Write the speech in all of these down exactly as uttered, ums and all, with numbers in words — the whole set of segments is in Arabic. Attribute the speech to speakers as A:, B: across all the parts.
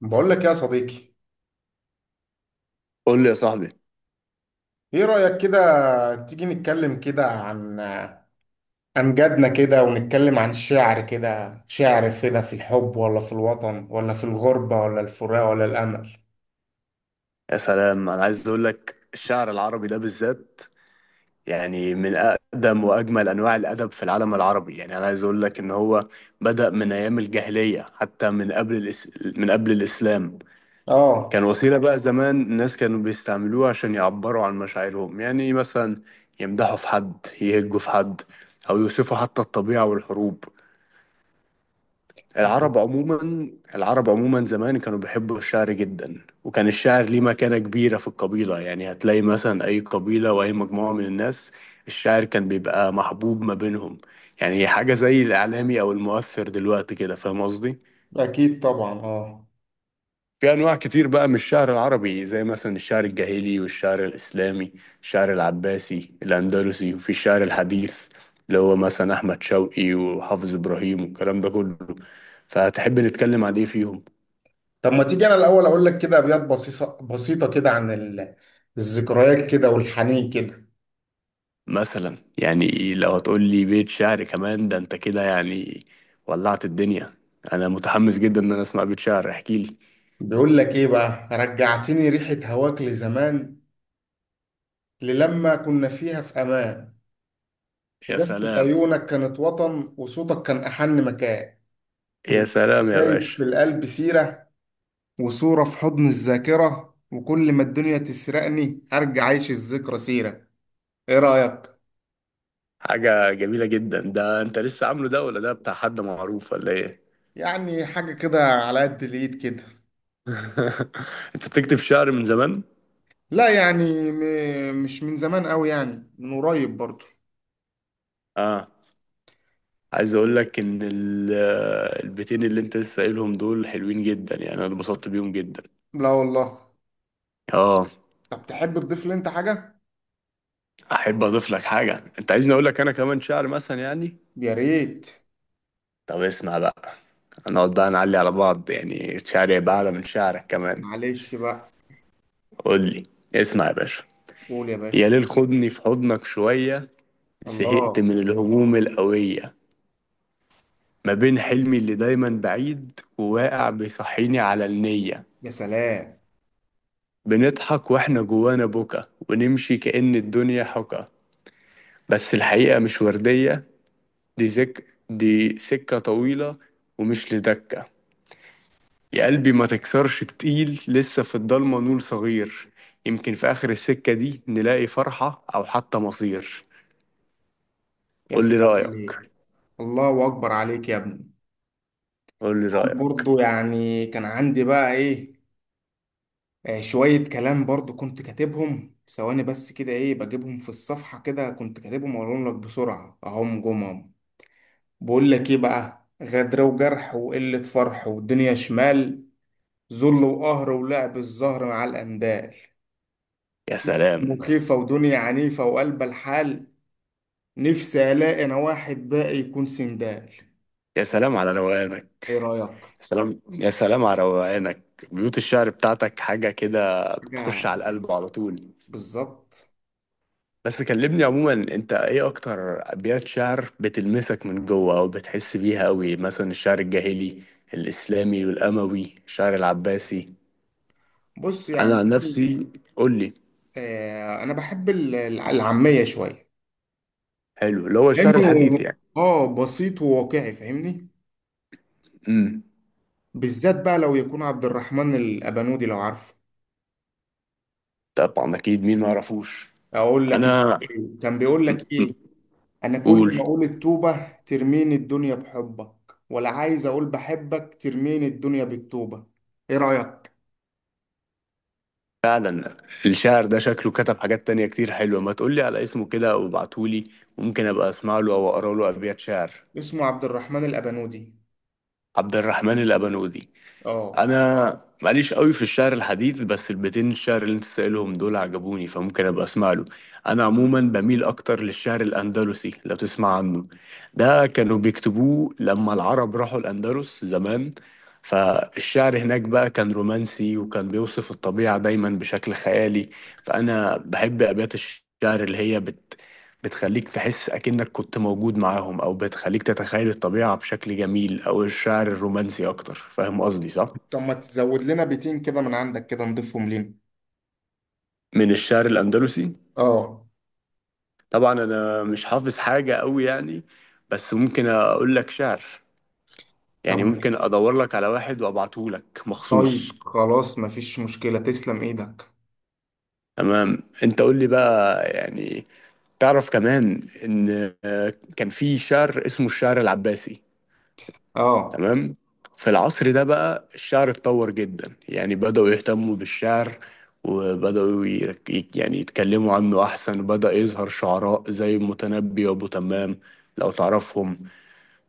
A: بقول لك يا صديقي،
B: قول لي يا صاحبي.
A: ايه رأيك كده؟ تيجي نتكلم كده عن امجادنا كده، ونتكلم عن الشعر كده، شعر كده في الحب ولا في الوطن ولا في الغربة ولا الفراق ولا الامل.
B: يا سلام، انا عايز اقول لك الشعر العربي ده بالذات يعني من اقدم واجمل انواع الادب في العالم العربي. يعني انا عايز اقول لك ان هو بدأ من ايام الجاهلية، حتى من قبل الإس... من قبل الاسلام.
A: اه،
B: كان وسيلة بقى زمان، الناس كانوا بيستعملوها عشان يعبروا عن مشاعرهم. يعني مثلا يمدحوا في حد، يهجوا في حد، او يوصفوا حتى الطبيعة والحروب. العرب عموما العرب عموما زمان كانوا بيحبوا الشعر جدا، وكان الشعر ليه مكانة كبيرة في القبيلة. يعني هتلاقي مثلا أي قبيلة وأي مجموعة من الناس، الشعر كان بيبقى محبوب ما بينهم. يعني حاجة زي الإعلامي أو المؤثر دلوقتي كده. فاهم قصدي؟
A: اكيد طبعا اه.
B: في أنواع كتير بقى من الشعر العربي، زي مثلا الشعر الجاهلي والشعر الإسلامي، الشعر العباسي، الأندلسي، وفي الشعر الحديث اللي هو مثلا أحمد شوقي وحافظ إبراهيم والكلام ده كله. فهتحب نتكلم عن إيه فيهم؟
A: طب ما تيجي انا الاول اقول لك كده ابيات بسيطة بسيطة كده عن ال- الذكريات كده والحنين كده.
B: مثلا يعني لو هتقول لي بيت شعر كمان ده انت كده يعني ولعت الدنيا. انا متحمس جدا ان انا اسمع بيت شعر، احكي لي.
A: بيقول لك ايه بقى: رجعتني ريحة هواك لزمان، للما كنا فيها في امان،
B: يا
A: إجازة
B: سلام.
A: عيونك كانت وطن، وصوتك كان أحن مكان.
B: يا
A: دلوقتي
B: سلام يا
A: سايب
B: باشا.
A: في القلب سيرة، وصورة في حضن الذاكرة، وكل ما الدنيا تسرقني أرجع أعيش الذكرى سيرة. إيه رأيك؟
B: حاجة جميلة جدا، ده انت لسه عامله ده ولا ده بتاع حد معروف ولا ايه؟
A: يعني حاجة كده على قد الإيد كده.
B: انت بتكتب شعر من زمان؟
A: لا يعني م- مش من زمان أوي، يعني من قريب برضو.
B: اه، عايز اقول لك ان ال- البيتين اللي انت لسه قايلهم دول حلوين جدا، يعني انا اتبسطت بيهم جدا.
A: لا والله.
B: اه،
A: طب تحب تضيف لي أنت حاجة؟
B: احب اضيف لك حاجة. انت عايزني اقول لك انا كمان شعر مثلا يعني.
A: يا ريت.
B: طب اسمع بقى. هنقعد بقى نعلي على بعض، يعني شعري يبقى أعلى من شعرك كمان.
A: معلش بقى.
B: قول لي. اسمع يا باشا.
A: قول يا
B: يا
A: باشا.
B: ليل خدني في حضنك شوية، زهقت
A: الله.
B: من الهموم القوية. ما بين حلمي اللي دايما بعيد وواقع بيصحيني على النية.
A: يا سلام.
B: بنضحك واحنا جوانا بكا، ونمشي كأن الدنيا حكا، بس الحقيقة مش وردية. دي زك دي سكة طويلة ومش لدكة. يا قلبي ما تكسرش تقيل، لسه في الضلمة نور صغير. يمكن في آخر السكة دي نلاقي فرحة أو حتى مصير.
A: يا
B: قول لي
A: سلام
B: رأيك.
A: عليك. الله أكبر عليك يا ابني.
B: قول لي رأيك.
A: برضو يعني كان عندي بقى ايه، آه، شوية كلام برضو كنت كاتبهم ثواني بس كده، ايه بجيبهم في الصفحة كده كنت كاتبهم واقولهم لك بسرعة اهم جمهم. بقول لك ايه بقى: غدر وجرح وقلة فرح والدنيا شمال، ذل وقهر ولعب الزهر مع الأندال،
B: يا
A: ست
B: سلام.
A: مخيفة ودنيا عنيفة وقلب الحال، نفسي ألاقي أنا واحد باقي يكون سندال.
B: يا سلام على روقانك.
A: إيه رأيك؟
B: يا سلام. يا سلام على روقانك. بيوت الشعر بتاعتك حاجة كده
A: حاجة.
B: بتخش على القلب على طول.
A: بالظبط.
B: بس كلمني عموما، انت ايه اكتر ابيات شعر بتلمسك من جوه او بتحس بيها قوي؟ مثلا الشعر الجاهلي، الاسلامي والاموي، الشعر العباسي.
A: بص
B: انا
A: يعني
B: عن نفسي. قول لي.
A: آه، انا بحب ال- الع- العاميه شويه،
B: حلو، اللي هو الشعر
A: لانه
B: الحديث يعني.
A: اه بسيط وواقعي، فاهمني؟
B: امم.
A: بالذات بقى لو يكون عبد الرحمن الابنودي، لو عارفه.
B: طبعا اكيد، مين ما يعرفوش.
A: اقول لك
B: انا.
A: كان بيقول لك ايه: انا كل
B: قول.
A: ما اقول التوبه ترميني الدنيا بحبك، ولا عايز اقول بحبك ترميني الدنيا بالتوبه. ايه رايك؟
B: فعلا. الشاعر ده شكله كتب حاجات تانية كتير حلوة، ما تقولي على اسمه كده او ابعتهولي، ممكن ابقى اسمع له او اقرا له ابيات شعر.
A: اسمه عبد الرحمن الابنودي.
B: عبد الرحمن الابنودي.
A: اه.
B: انا ماليش قوي في الشعر الحديث، بس البيتين الشعر اللي انت سائلهم دول عجبوني، فممكن ابقى اسمع له. انا عموما بميل اكتر للشعر الاندلسي لو تسمع عنه. ده كانوا بيكتبوه لما العرب راحوا الاندلس زمان. فالشعر هناك بقى كان رومانسي، وكان بيوصف الطبيعة دايما بشكل خيالي. فانا بحب ابيات الشعر اللي هي بت بتخليك تحس أكنك كنت موجود معاهم، أو بتخليك تتخيل الطبيعة بشكل جميل، أو الشعر الرومانسي أكتر. فاهم قصدي صح؟
A: طب ما تزود لنا بيتين كده من عندك كده نضيفهم لينا.
B: من الشعر الأندلسي.
A: اه.
B: طبعا أنا مش حافظ حاجة قوي يعني، بس ممكن أقول لك شعر،
A: طب
B: يعني ممكن أدور لك على واحد وأبعته لك مخصوص.
A: طيب خلاص مفيش مشكله، تسلم ايدك.
B: تمام. أنت قول لي بقى يعني. تعرف كمان إن آه، كان في شعر اسمه الشعر العباسي.
A: اه
B: تمام. في العصر ده بقى الشعر اتطور جدا، يعني بدأوا يهتموا بالشعر، وبدأوا يرك- يك- يعني يتكلموا عنه أحسن، وبدأ يظهر شعراء زي المتنبي وأبو تمام، لو تعرفهم.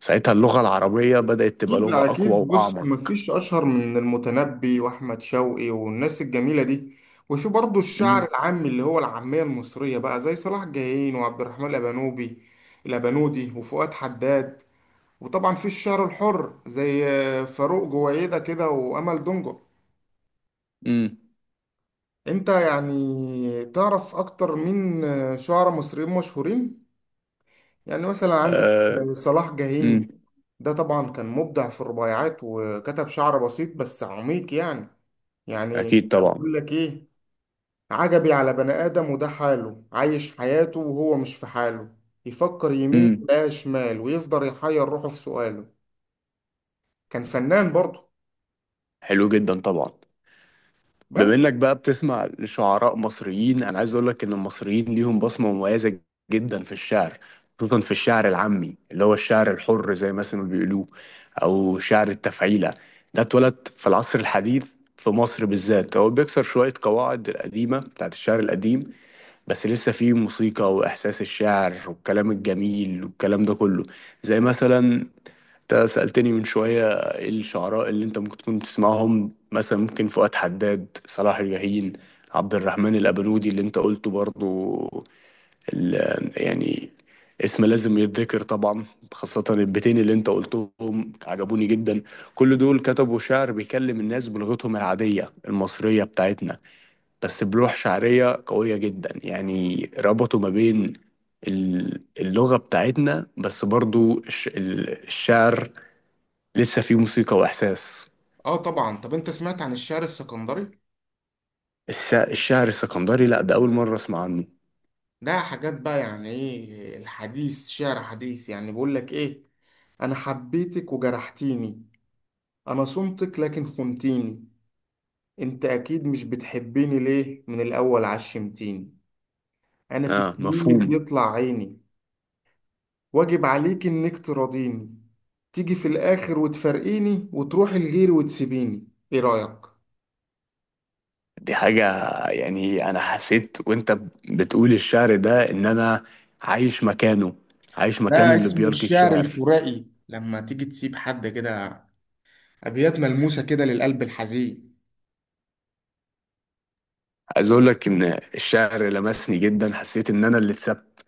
B: ساعتها اللغة العربية بدأت تبقى
A: اكيد
B: لغة أقوى
A: اكيد. بص
B: وأعمق.
A: مفيش اشهر من المتنبي واحمد شوقي والناس الجميله دي، وفي برضه الشعر
B: امم.
A: العامي اللي هو العاميه المصريه بقى زي صلاح جاهين وعبد الرحمن الابنوبي الابنودي وفؤاد حداد، وطبعا في الشعر الحر زي آه، فاروق جويده كده وامل دنجل.
B: امم.
A: انت يعني تعرف اكتر مين آه، شعراء مصريين مشهورين؟ يعني مثلا عندك
B: أه.
A: آه، صلاح جاهين،
B: امم.
A: ده طبعا كان مبدع في الرباعيات وكتب شعر بسيط بس عميق يعني. يعني
B: أكيد
A: كان
B: طبعا.
A: بيقول لك ايه: عجبي على بني آدم وده حاله، عايش حياته وهو مش في حاله، يفكر يمين
B: امم.
A: لا شمال ويفضل يحير روحه في سؤاله. كان فنان برضه.
B: حلو جدا طبعا.
A: بس
B: بما إنك بقى بتسمع لشعراء مصريين، أنا عايز أقول لك إن المصريين ليهم بصمة مميزة جدا في الشعر. خصوصا في الشعر العامي اللي هو الشعر الحر زي ما اسمه بيقولوه، أو شعر التفعيلة. ده اتولد في العصر الحديث في مصر بالذات. هو بيكسر شوية قواعد القديمة بتاعت الشعر القديم، بس لسه فيه موسيقى واحساس الشعر والكلام الجميل والكلام ده كله. زي مثلا، انت سألتني من شوية ايه الشعراء اللي انت ممكن تكون بتسمعهم، مثلا ممكن فؤاد حداد، صلاح الجاهين، عبد الرحمن الأبنودي اللي انت قلته برضو، ال- يعني اسم لازم يتذكر طبعا. خاصة البيتين اللي انت قلتهم عجبوني جدا. كل دول كتبوا شعر بيكلم الناس بلغتهم العادية المصرية بتاعتنا، بس بلوح شعرية قوية جدا. يعني ربطوا ما بين ال- اللغة بتاعتنا، بس برضو الش- ال- الشعر لسه فيه موسيقى وإحساس.
A: اه طبعا. طب انت سمعت عن الشعر السكندري؟
B: الس- الشعر السكندري، لا ده أول مرة أسمع عنه.
A: ده حاجات بقى يعني ايه الحديث، شعر حديث، يعني بيقول لك ايه: انا حبيتك وجرحتيني، انا صمتك لكن خنتيني، انت اكيد مش بتحبيني، ليه من الاول عشمتيني، انا في
B: آه،
A: سنيني
B: مفهوم.
A: بيطلع عيني، واجب عليك انك تراضيني، تيجي في الاخر وتفارقيني وتروحي لغيري وتسيبيني. ايه رايك؟
B: دي حاجة، يعني أنا حسيت وأنت ب- بتقول الشعر ده إن أنا عايش مكانه، عايش مكان
A: ده
B: اللي
A: اسمه
B: بيلقي
A: الشعر
B: الشعر.
A: الفرائي، لما تيجي تسيب حد كده ابيات ملموسه كده للقلب الحزين.
B: عايز أقول لك إن الشعر لمسني جدا، حسيت إن أنا اللي اتثبت.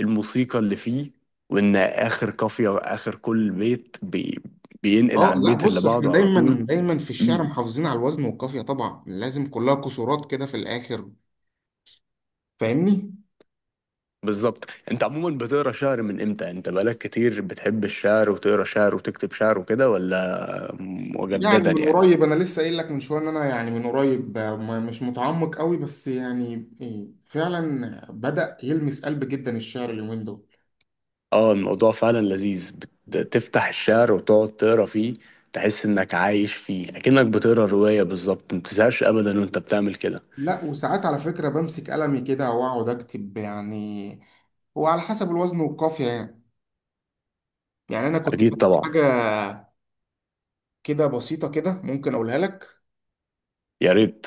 B: الموسيقى اللي فيه، وان اخر قافيه واخر كل بيت بي بينقل
A: اه
B: على
A: لا
B: البيت اللي
A: بص،
B: بعده
A: احنا
B: على طول.
A: دايما دايما في الشعر
B: مم.
A: محافظين على الوزن والقافيه طبعا، لازم كلها كسورات كده في الاخر، فاهمني؟
B: بالظبط، انت عموما بتقرا شعر من امتى؟ انت بقالك كتير بتحب الشعر وتقرا شعر وتكتب شعر وكده، ولا
A: يعني
B: مجددا
A: من
B: يعني؟
A: قريب، انا لسه قايل لك من شويه ان انا يعني من قريب آه، ما- مش متعمق قوي، بس يعني إيه، فعلا بدأ يلمس قلب جدا الشعر اليومين دول.
B: اه، الموضوع فعلا لذيذ. بتفتح الشعر وتقعد تقرا فيه، تحس انك عايش فيه اكنك بتقرا روايه بالظبط، ما بتزهقش ابدا وانت بتعمل كده.
A: لا وساعات على فكره بمسك قلمي كده واقعد اكتب يعني، هو على حسب الوزن والقافيه يعني. يعني انا كنت
B: اكيد
A: كاتب
B: طبعا.
A: حاجه كده بسيطه كده، ممكن اقولها لك:
B: يا ريت.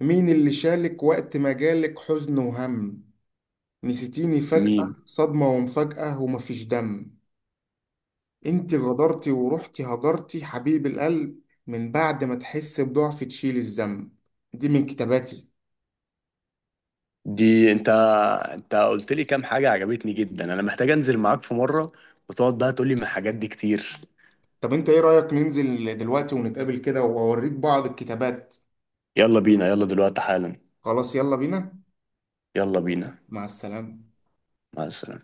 A: مين اللي شالك وقت ما جالك حزن وهم؟ نسيتيني فجأة،
B: مين؟
A: صدمة ومفاجأة ومفيش دم، انت غدرتي ورحتي هجرتي حبيب القلب، من بعد ما تحس بضعف تشيل الذنب. دي من كتاباتي.
B: دي انت انت قلت لي كام حاجة عجبتني جدا، انا محتاج انزل معاك في مرة، وتقعد بقى تقول لي من الحاجات دي كتير.
A: طب انت ايه رأيك ننزل دلوقتي ونتقابل كده واوريك بعض الكتابات؟
B: يلا بينا، يلا دلوقتي حالا.
A: خلاص يلا بينا.
B: يلا بينا.
A: مع السلامة.
B: مع السلامة.